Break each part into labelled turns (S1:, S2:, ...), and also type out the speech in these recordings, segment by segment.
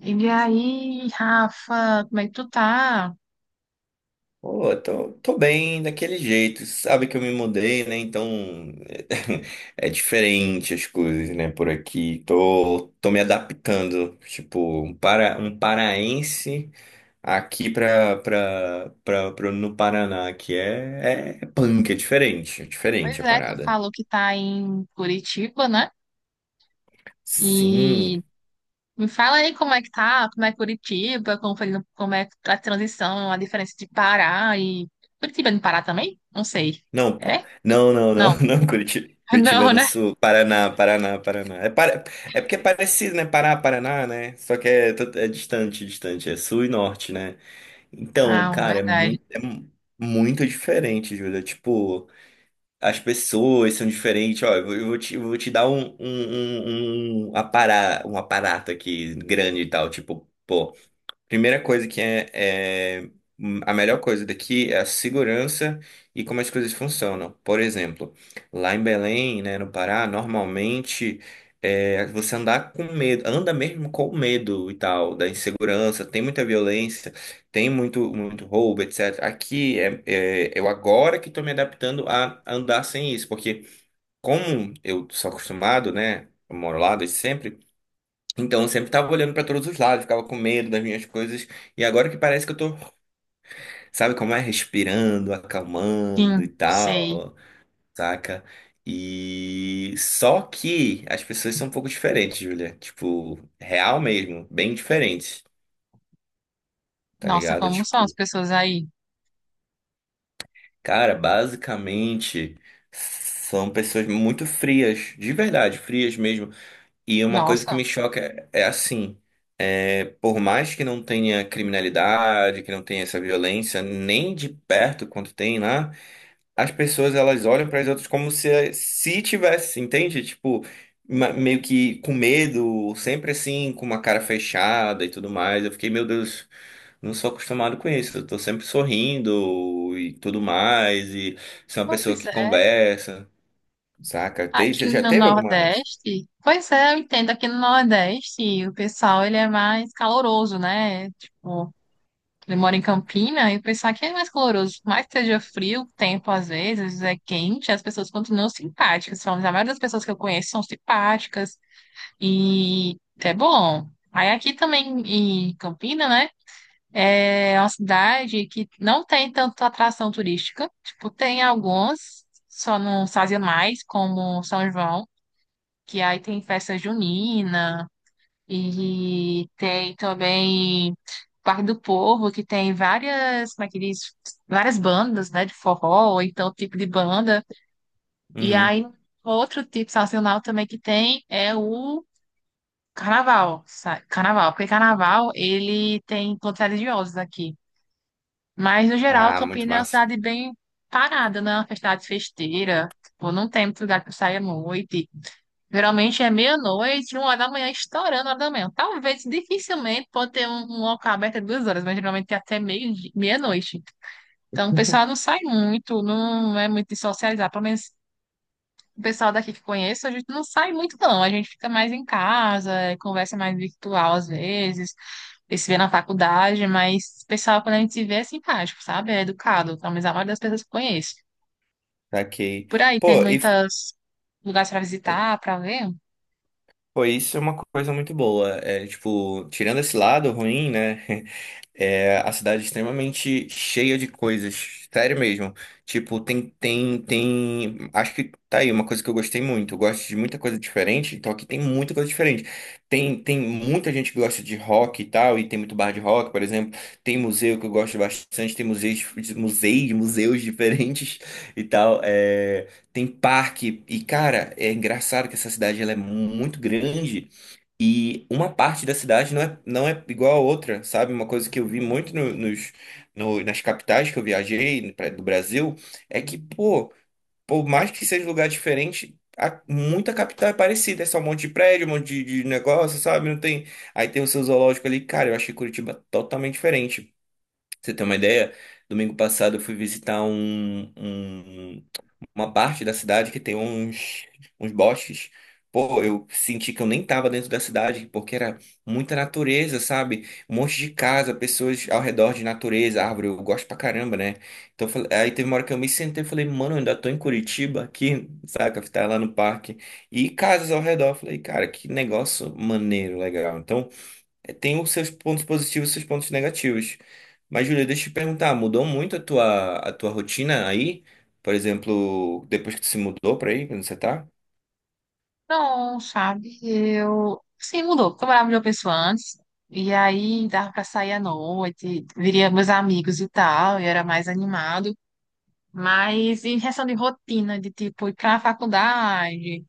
S1: E aí, Rafa, como é que tu tá?
S2: Pô, tô bem daquele jeito. Sabe que eu me mudei, né? Então é diferente as coisas, né? Por aqui. Tô me adaptando. Tipo, um paraense aqui no Paraná, que é punk, é diferente. É
S1: Pois
S2: diferente a
S1: é, tu
S2: parada.
S1: falou que tá em Curitiba, né?
S2: Sim,
S1: E me fala aí como é que tá, como é Curitiba, como foi, como é a transição, a diferença de Pará e. Curitiba é no Pará também? Não sei.
S2: não,
S1: É?
S2: não, não, não,
S1: Não.
S2: não, Curitiba. Curitiba é
S1: Não,
S2: no
S1: né?
S2: sul. Paraná, Paraná, Paraná. É. É porque é parecido, né? Pará, Paraná, né? Só que é distante, distante. É sul e norte, né? Então,
S1: Ah,
S2: cara, é
S1: verdade.
S2: muito, é mu- muito diferente, Júlia. Tipo, as pessoas são diferentes. Ó, eu vou te dar um aparato aqui grande e tal. Tipo, primeira coisa é- a melhor coisa daqui é a segurança e como as coisas funcionam. Por exemplo, lá em Belém, né, no Pará, normalmente você andar com medo, anda mesmo com medo e tal, da insegurança, tem muita violência, tem muito, muito roubo, etc. Aqui eu agora que estou me adaptando a andar sem isso, porque como eu sou acostumado, né, eu moro lá desde sempre. Então, eu sempre tava olhando pra todos os lados, ficava com medo das minhas coisas. E agora que parece que eu tô, sabe como é? Respirando,
S1: Sim,
S2: acalmando e
S1: sei.
S2: tal, saca? E só que as pessoas são um pouco diferentes, Julia. Tipo, real mesmo, bem diferentes, tá
S1: Nossa,
S2: ligado?
S1: como são as
S2: Tipo,
S1: pessoas aí?
S2: cara, basicamente são pessoas muito frias, de verdade, frias mesmo. E uma coisa que
S1: Nossa.
S2: me choca é assim. É, por mais que não tenha criminalidade, que não tenha essa violência, nem de perto quanto tem lá, as pessoas elas olham para as outras como se tivesse, entende? Tipo, meio que com medo, sempre assim, com uma cara fechada e tudo mais. Eu fiquei, meu Deus, não sou acostumado com isso. Eu tô sempre sorrindo e tudo mais, e sou uma pessoa
S1: Pois.
S2: que conversa, saca? Tem,
S1: Aqui
S2: já
S1: no
S2: teve alguma?
S1: Nordeste, pois é, eu entendo, aqui no Nordeste o pessoal ele é mais caloroso, né? Tipo, ele mora em Campina e o pessoal aqui é mais caloroso. Por mais que seja frio, o tempo às vezes é quente, as pessoas continuam simpáticas. Falamos, a maioria das pessoas que eu conheço são simpáticas e é bom. Aí aqui também em Campina, né? É uma cidade que não tem tanta atração turística. Tipo, tem alguns, só não sazonais, como São João, que aí tem festa junina, e tem também Parque do Povo, que tem várias, como é que diz? Várias bandas, né, de forró, ou então tipo de banda. E
S2: Uhum.
S1: aí outro tipo sazonal também que tem é o carnaval, sabe? Carnaval, porque carnaval ele tem encontros religiosos aqui. Mas no geral,
S2: Ah, muito
S1: Campinas é uma
S2: massa.
S1: cidade bem parada, né? Uma cidade festeira, tipo, não tem muito lugar para sair à noite. Geralmente é meia-noite, uma hora da manhã, estourando a hora da manhã. Talvez, dificilmente, pode ter um local aberto 2 horas, mas geralmente é até meia-noite. Então, o pessoal não sai muito, não é muito de socializar. Pelo menos o pessoal daqui que conheço, a gente não sai muito, não. A gente fica mais em casa, é, conversa mais virtual às vezes, e se vê na faculdade, mas o pessoal, quando a gente se vê, é simpático, sabe? É educado. Pelo menos a maioria das pessoas que conheço.
S2: Saquei.
S1: Por aí tem
S2: Pô, e.
S1: muitos lugares para visitar, para ver.
S2: Pô, isso é uma coisa muito boa. É, tipo, tirando esse lado ruim, né? É. A cidade é extremamente cheia de coisas. Sério mesmo. Tipo, tem, tem, tem. acho que tá aí uma coisa que eu gostei muito. Eu gosto de muita coisa diferente, então aqui tem muita coisa diferente. Tem muita gente que gosta de rock e tal, e tem muito bar de rock, por exemplo. Tem museu que eu gosto bastante, tem museus diferentes e tal. É, tem parque. E, cara, é engraçado que essa cidade ela é muito grande. E uma parte da cidade não é igual a outra, sabe? Uma coisa que eu vi muito no- nos, no- nas capitais que eu viajei do Brasil é que, pô, por mais que seja um lugar diferente, muita capital é parecida. É só um monte de prédio, um monte de negócio, sabe? Não tem. Aí tem o seu zoológico ali. Cara, eu achei Curitiba totalmente diferente. Pra Você tem uma ideia? Domingo passado eu fui visitar uma parte da cidade que tem uns bosques. Pô, eu senti que eu nem tava dentro da cidade, porque era muita natureza, sabe? Um monte de casa, pessoas ao redor de natureza, árvore, eu gosto pra caramba, né? Então, aí teve uma hora que eu me sentei e falei, mano, eu ainda tô em Curitiba aqui, saca? Tá lá no parque. E casas ao redor. Eu falei, cara, que negócio maneiro, legal. Então, tem os seus pontos positivos e os seus pontos negativos. Mas, Júlia, deixa eu te perguntar, mudou muito a tua rotina aí? Por exemplo, depois que tu se mudou pra aí, quando você tá?
S1: Não, sabe? Eu. Sim, mudou, porque eu morava em uma pessoa antes, e aí dava pra sair à noite, viria meus amigos e tal, e era mais animado. Mas em questão de rotina, de tipo ir pra faculdade,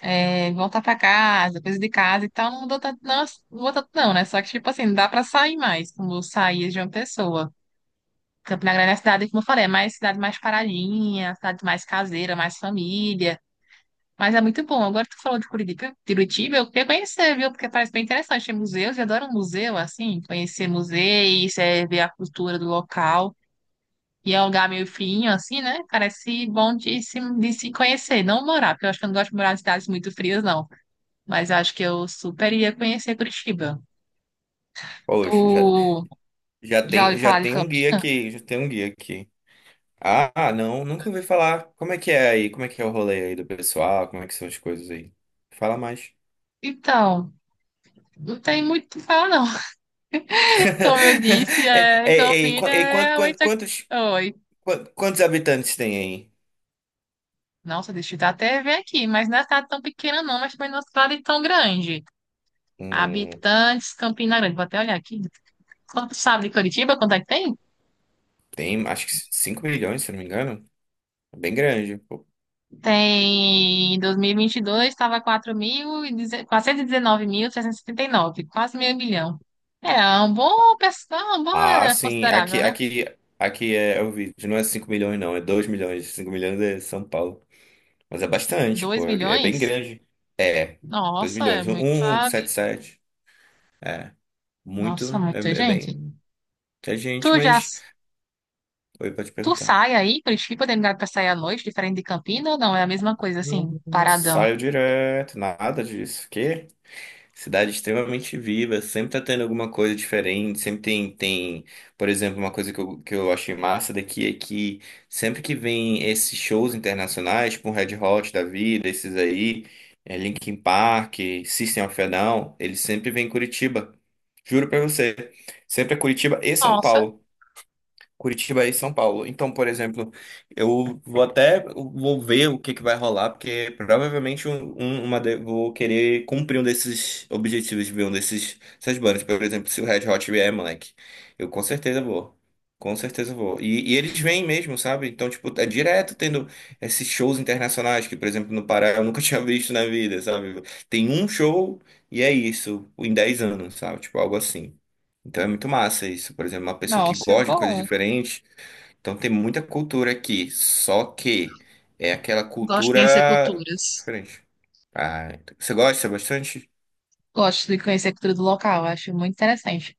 S1: é, voltar pra casa, coisa de casa e tal, não mudou tanto, não, não mudou tanto, não, né? Só que, tipo assim, não dá pra sair mais, como eu saía de uma pessoa. Campina Grande é a cidade, como eu falei, é mais cidade mais paradinha, cidade mais caseira, mais família. Mas é muito bom. Agora que tu falou de Curitiba, Curitiba, eu queria conhecer, viu? Porque parece bem interessante. Tem museus, eu adoro museu, assim, conhecer museus, é, ver a cultura do local. E é um lugar meio frio, assim, né? Parece bom de se conhecer, não morar, porque eu acho que eu não gosto de morar em cidades muito frias, não. Mas eu acho que eu super iria conhecer Curitiba.
S2: Poxa,
S1: Tu já ouviu
S2: já
S1: falar de
S2: tem um guia
S1: Campinas?
S2: aqui, já tem um guia aqui. Ah, não, nunca ouvi falar. Como é que é aí? Como é que é o rolê aí do pessoal? Como é que são as coisas aí? Fala mais.
S1: Então, não tem muito o que falar, não. Como eu disse,
S2: É,
S1: é,
S2: é, é,
S1: Campinas
S2: qu- é,
S1: é
S2: quanto, quanto-
S1: realmente.
S2: quantos,
S1: Oi.
S2: quantos habitantes tem aí?
S1: Nossa, deixa eu dar até ver aqui, mas não é cidade tão pequena não, mas também não é uma cidade tão grande.
S2: Hum,
S1: Habitantes, Campina Grande, vou até olhar aqui. Quanto sabe de Curitiba, quanto é que tem?
S2: Tem, acho que 5 milhões, se eu não me engano. É bem grande.
S1: Tem, em 2022 estava 419.670 e quatrocentos nove, quase meio milhão. É é um bom,
S2: Ah,
S1: é
S2: sim.
S1: considerável,
S2: Aqui,
S1: né?
S2: aqui, aqui é o vídeo. Não é 5 milhões, não. É 2 milhões. 5 milhões é São Paulo. Mas é bastante,
S1: dois
S2: pô. É bem
S1: milhões?
S2: grande. É. dois
S1: Nossa, é
S2: milhões.
S1: muito,
S2: Um um, sete
S1: habi-
S2: sete.
S1: Nossa,
S2: Muito. É,
S1: muita
S2: é
S1: gente.
S2: bem. É
S1: Tu
S2: gente,
S1: já
S2: mas. Oi, pode
S1: Tu
S2: perguntar.
S1: sai aí, Curitiba tem lugar pra sair à noite, diferente de Campina ou não? É a mesma coisa, assim,
S2: Não
S1: paradão.
S2: saio direto. Nada disso. Quê? Cidade extremamente viva, sempre tá tendo alguma coisa diferente, sempre tem, por exemplo, uma coisa que eu achei massa daqui é que sempre que vem esses shows internacionais, tipo um Red Hot da vida, esses aí, Linkin Park, System of a Down, eles sempre vêm em Curitiba, juro pra você, sempre é Curitiba e São
S1: Nossa,
S2: Paulo. Curitiba e São Paulo. Então, por exemplo, eu vou até vou ver o que que vai rolar, porque provavelmente vou querer cumprir um desses objetivos de ver um desses essas bandas. Por exemplo, se o Red Hot vier, moleque, eu com certeza vou. Com certeza vou. E eles vêm mesmo, sabe? Então, tipo, é direto tendo esses shows internacionais que, por exemplo, no Pará eu nunca tinha visto na vida, sabe? Tem um show e é isso, em 10 anos, sabe? Tipo, algo assim. Então é muito massa isso. Por exemplo, uma pessoa que
S1: nossa, é
S2: gosta de coisas
S1: bom.
S2: diferentes. Então tem muita cultura aqui. Só que é aquela
S1: Gosto de conhecer
S2: cultura
S1: culturas.
S2: diferente. Ah, então, você gosta bastante?
S1: Gosto de conhecer a cultura do local, acho muito interessante.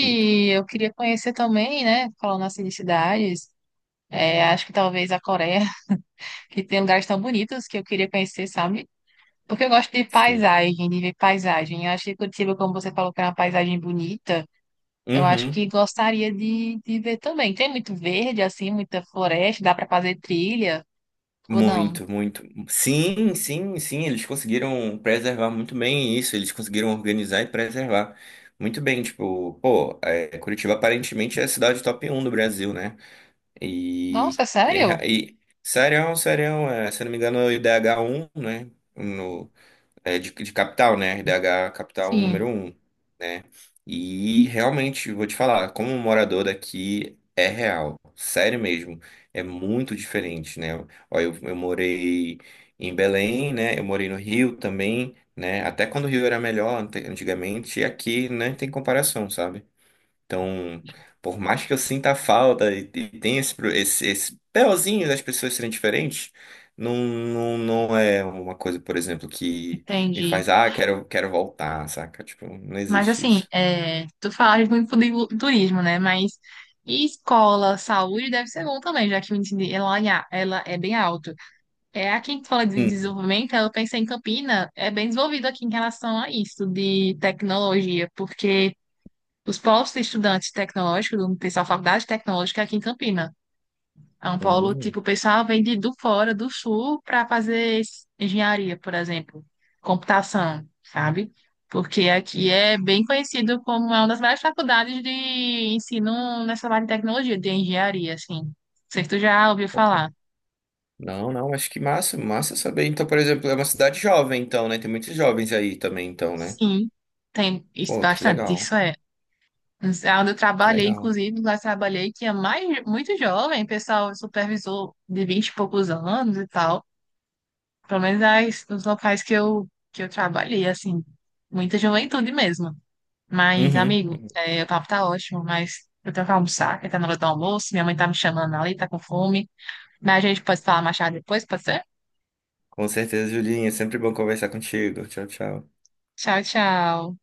S2: Sim.
S1: eu queria conhecer também, né, falando assim de cidades, é, acho que talvez a Coreia, que tem lugares tão bonitos que eu queria conhecer, sabe? Porque eu gosto de
S2: Sim.
S1: paisagem, de ver paisagem. Eu acho que Curitiba, como você falou, que é uma paisagem bonita, eu acho que
S2: Uhum.
S1: gostaria de ver também. Tem muito verde, assim, muita floresta, dá para fazer trilha ou não?
S2: Muito, muito. Sim, sim, sim. Eles conseguiram preservar muito bem isso. Eles conseguiram organizar e preservar muito bem. Tipo, pô, Curitiba aparentemente é a cidade top um do Brasil, né? E,
S1: Nossa,
S2: e, é
S1: sério?
S2: ra- e Serião, Serião, se eu não me engano, é o IDH um, né? No, de capital, né? IDH capital número
S1: Sim,
S2: um, né? E realmente, vou te falar, como um morador daqui, é real, sério mesmo. É muito diferente, né? Ó, eu morei em Belém, né? Eu morei no Rio também, né? Até quando o Rio era melhor antigamente, e aqui não tem comparação, sabe? Então, por mais que eu sinta a falta e tenha esse BOzinho das pessoas serem diferentes, não, não, não é uma coisa, por exemplo, que me
S1: entendi.
S2: faz, ah, quero voltar, saca? Tipo, não
S1: Mas
S2: existe
S1: assim,
S2: isso.
S1: é, tu falas muito de turismo, né? Mas e escola, saúde deve ser bom também, já que o índice ela, ela é bem alto. É aqui que fala de
S2: Uhum.
S1: desenvolvimento, eu pensei em Campina, é bem desenvolvido aqui em relação a isso de tecnologia, porque os postos de estudantes tecnológicos, do pessoal da faculdade tecnológica é aqui em Campina. São Paulo,
S2: Uhum.
S1: tipo, o pessoal vem de, do fora, do sul, para fazer engenharia, por exemplo, computação, sabe? Porque aqui é bem conhecido como é uma das melhores faculdades de ensino nessa área de tecnologia, de engenharia, assim. Não sei se tu já ouviu
S2: Ok.
S1: falar.
S2: Não, não, acho que massa, massa saber. Então, por exemplo, é uma cidade jovem, então, né? Tem muitos jovens aí também, então, né?
S1: Sim, tem isso
S2: Pô, que
S1: bastante,
S2: legal,
S1: isso é. É onde eu
S2: que
S1: trabalhei,
S2: legal.
S1: inclusive, lá eu trabalhei que é mais, muito jovem, pessoal, supervisor de 20 e poucos anos e tal. Pelo menos os locais que eu trabalhei, assim, muita juventude mesmo. Mas,
S2: Uhum.
S1: amigo,
S2: Uhum.
S1: é, o papo tá ótimo, mas eu tenho que almoçar, que tá na hora do almoço, minha mãe tá me chamando ali, tá com fome. Mas a gente pode falar mais tarde depois, pode ser?
S2: Com certeza, Julinha, sempre bom conversar contigo. Tchau, tchau.
S1: Tchau, tchau.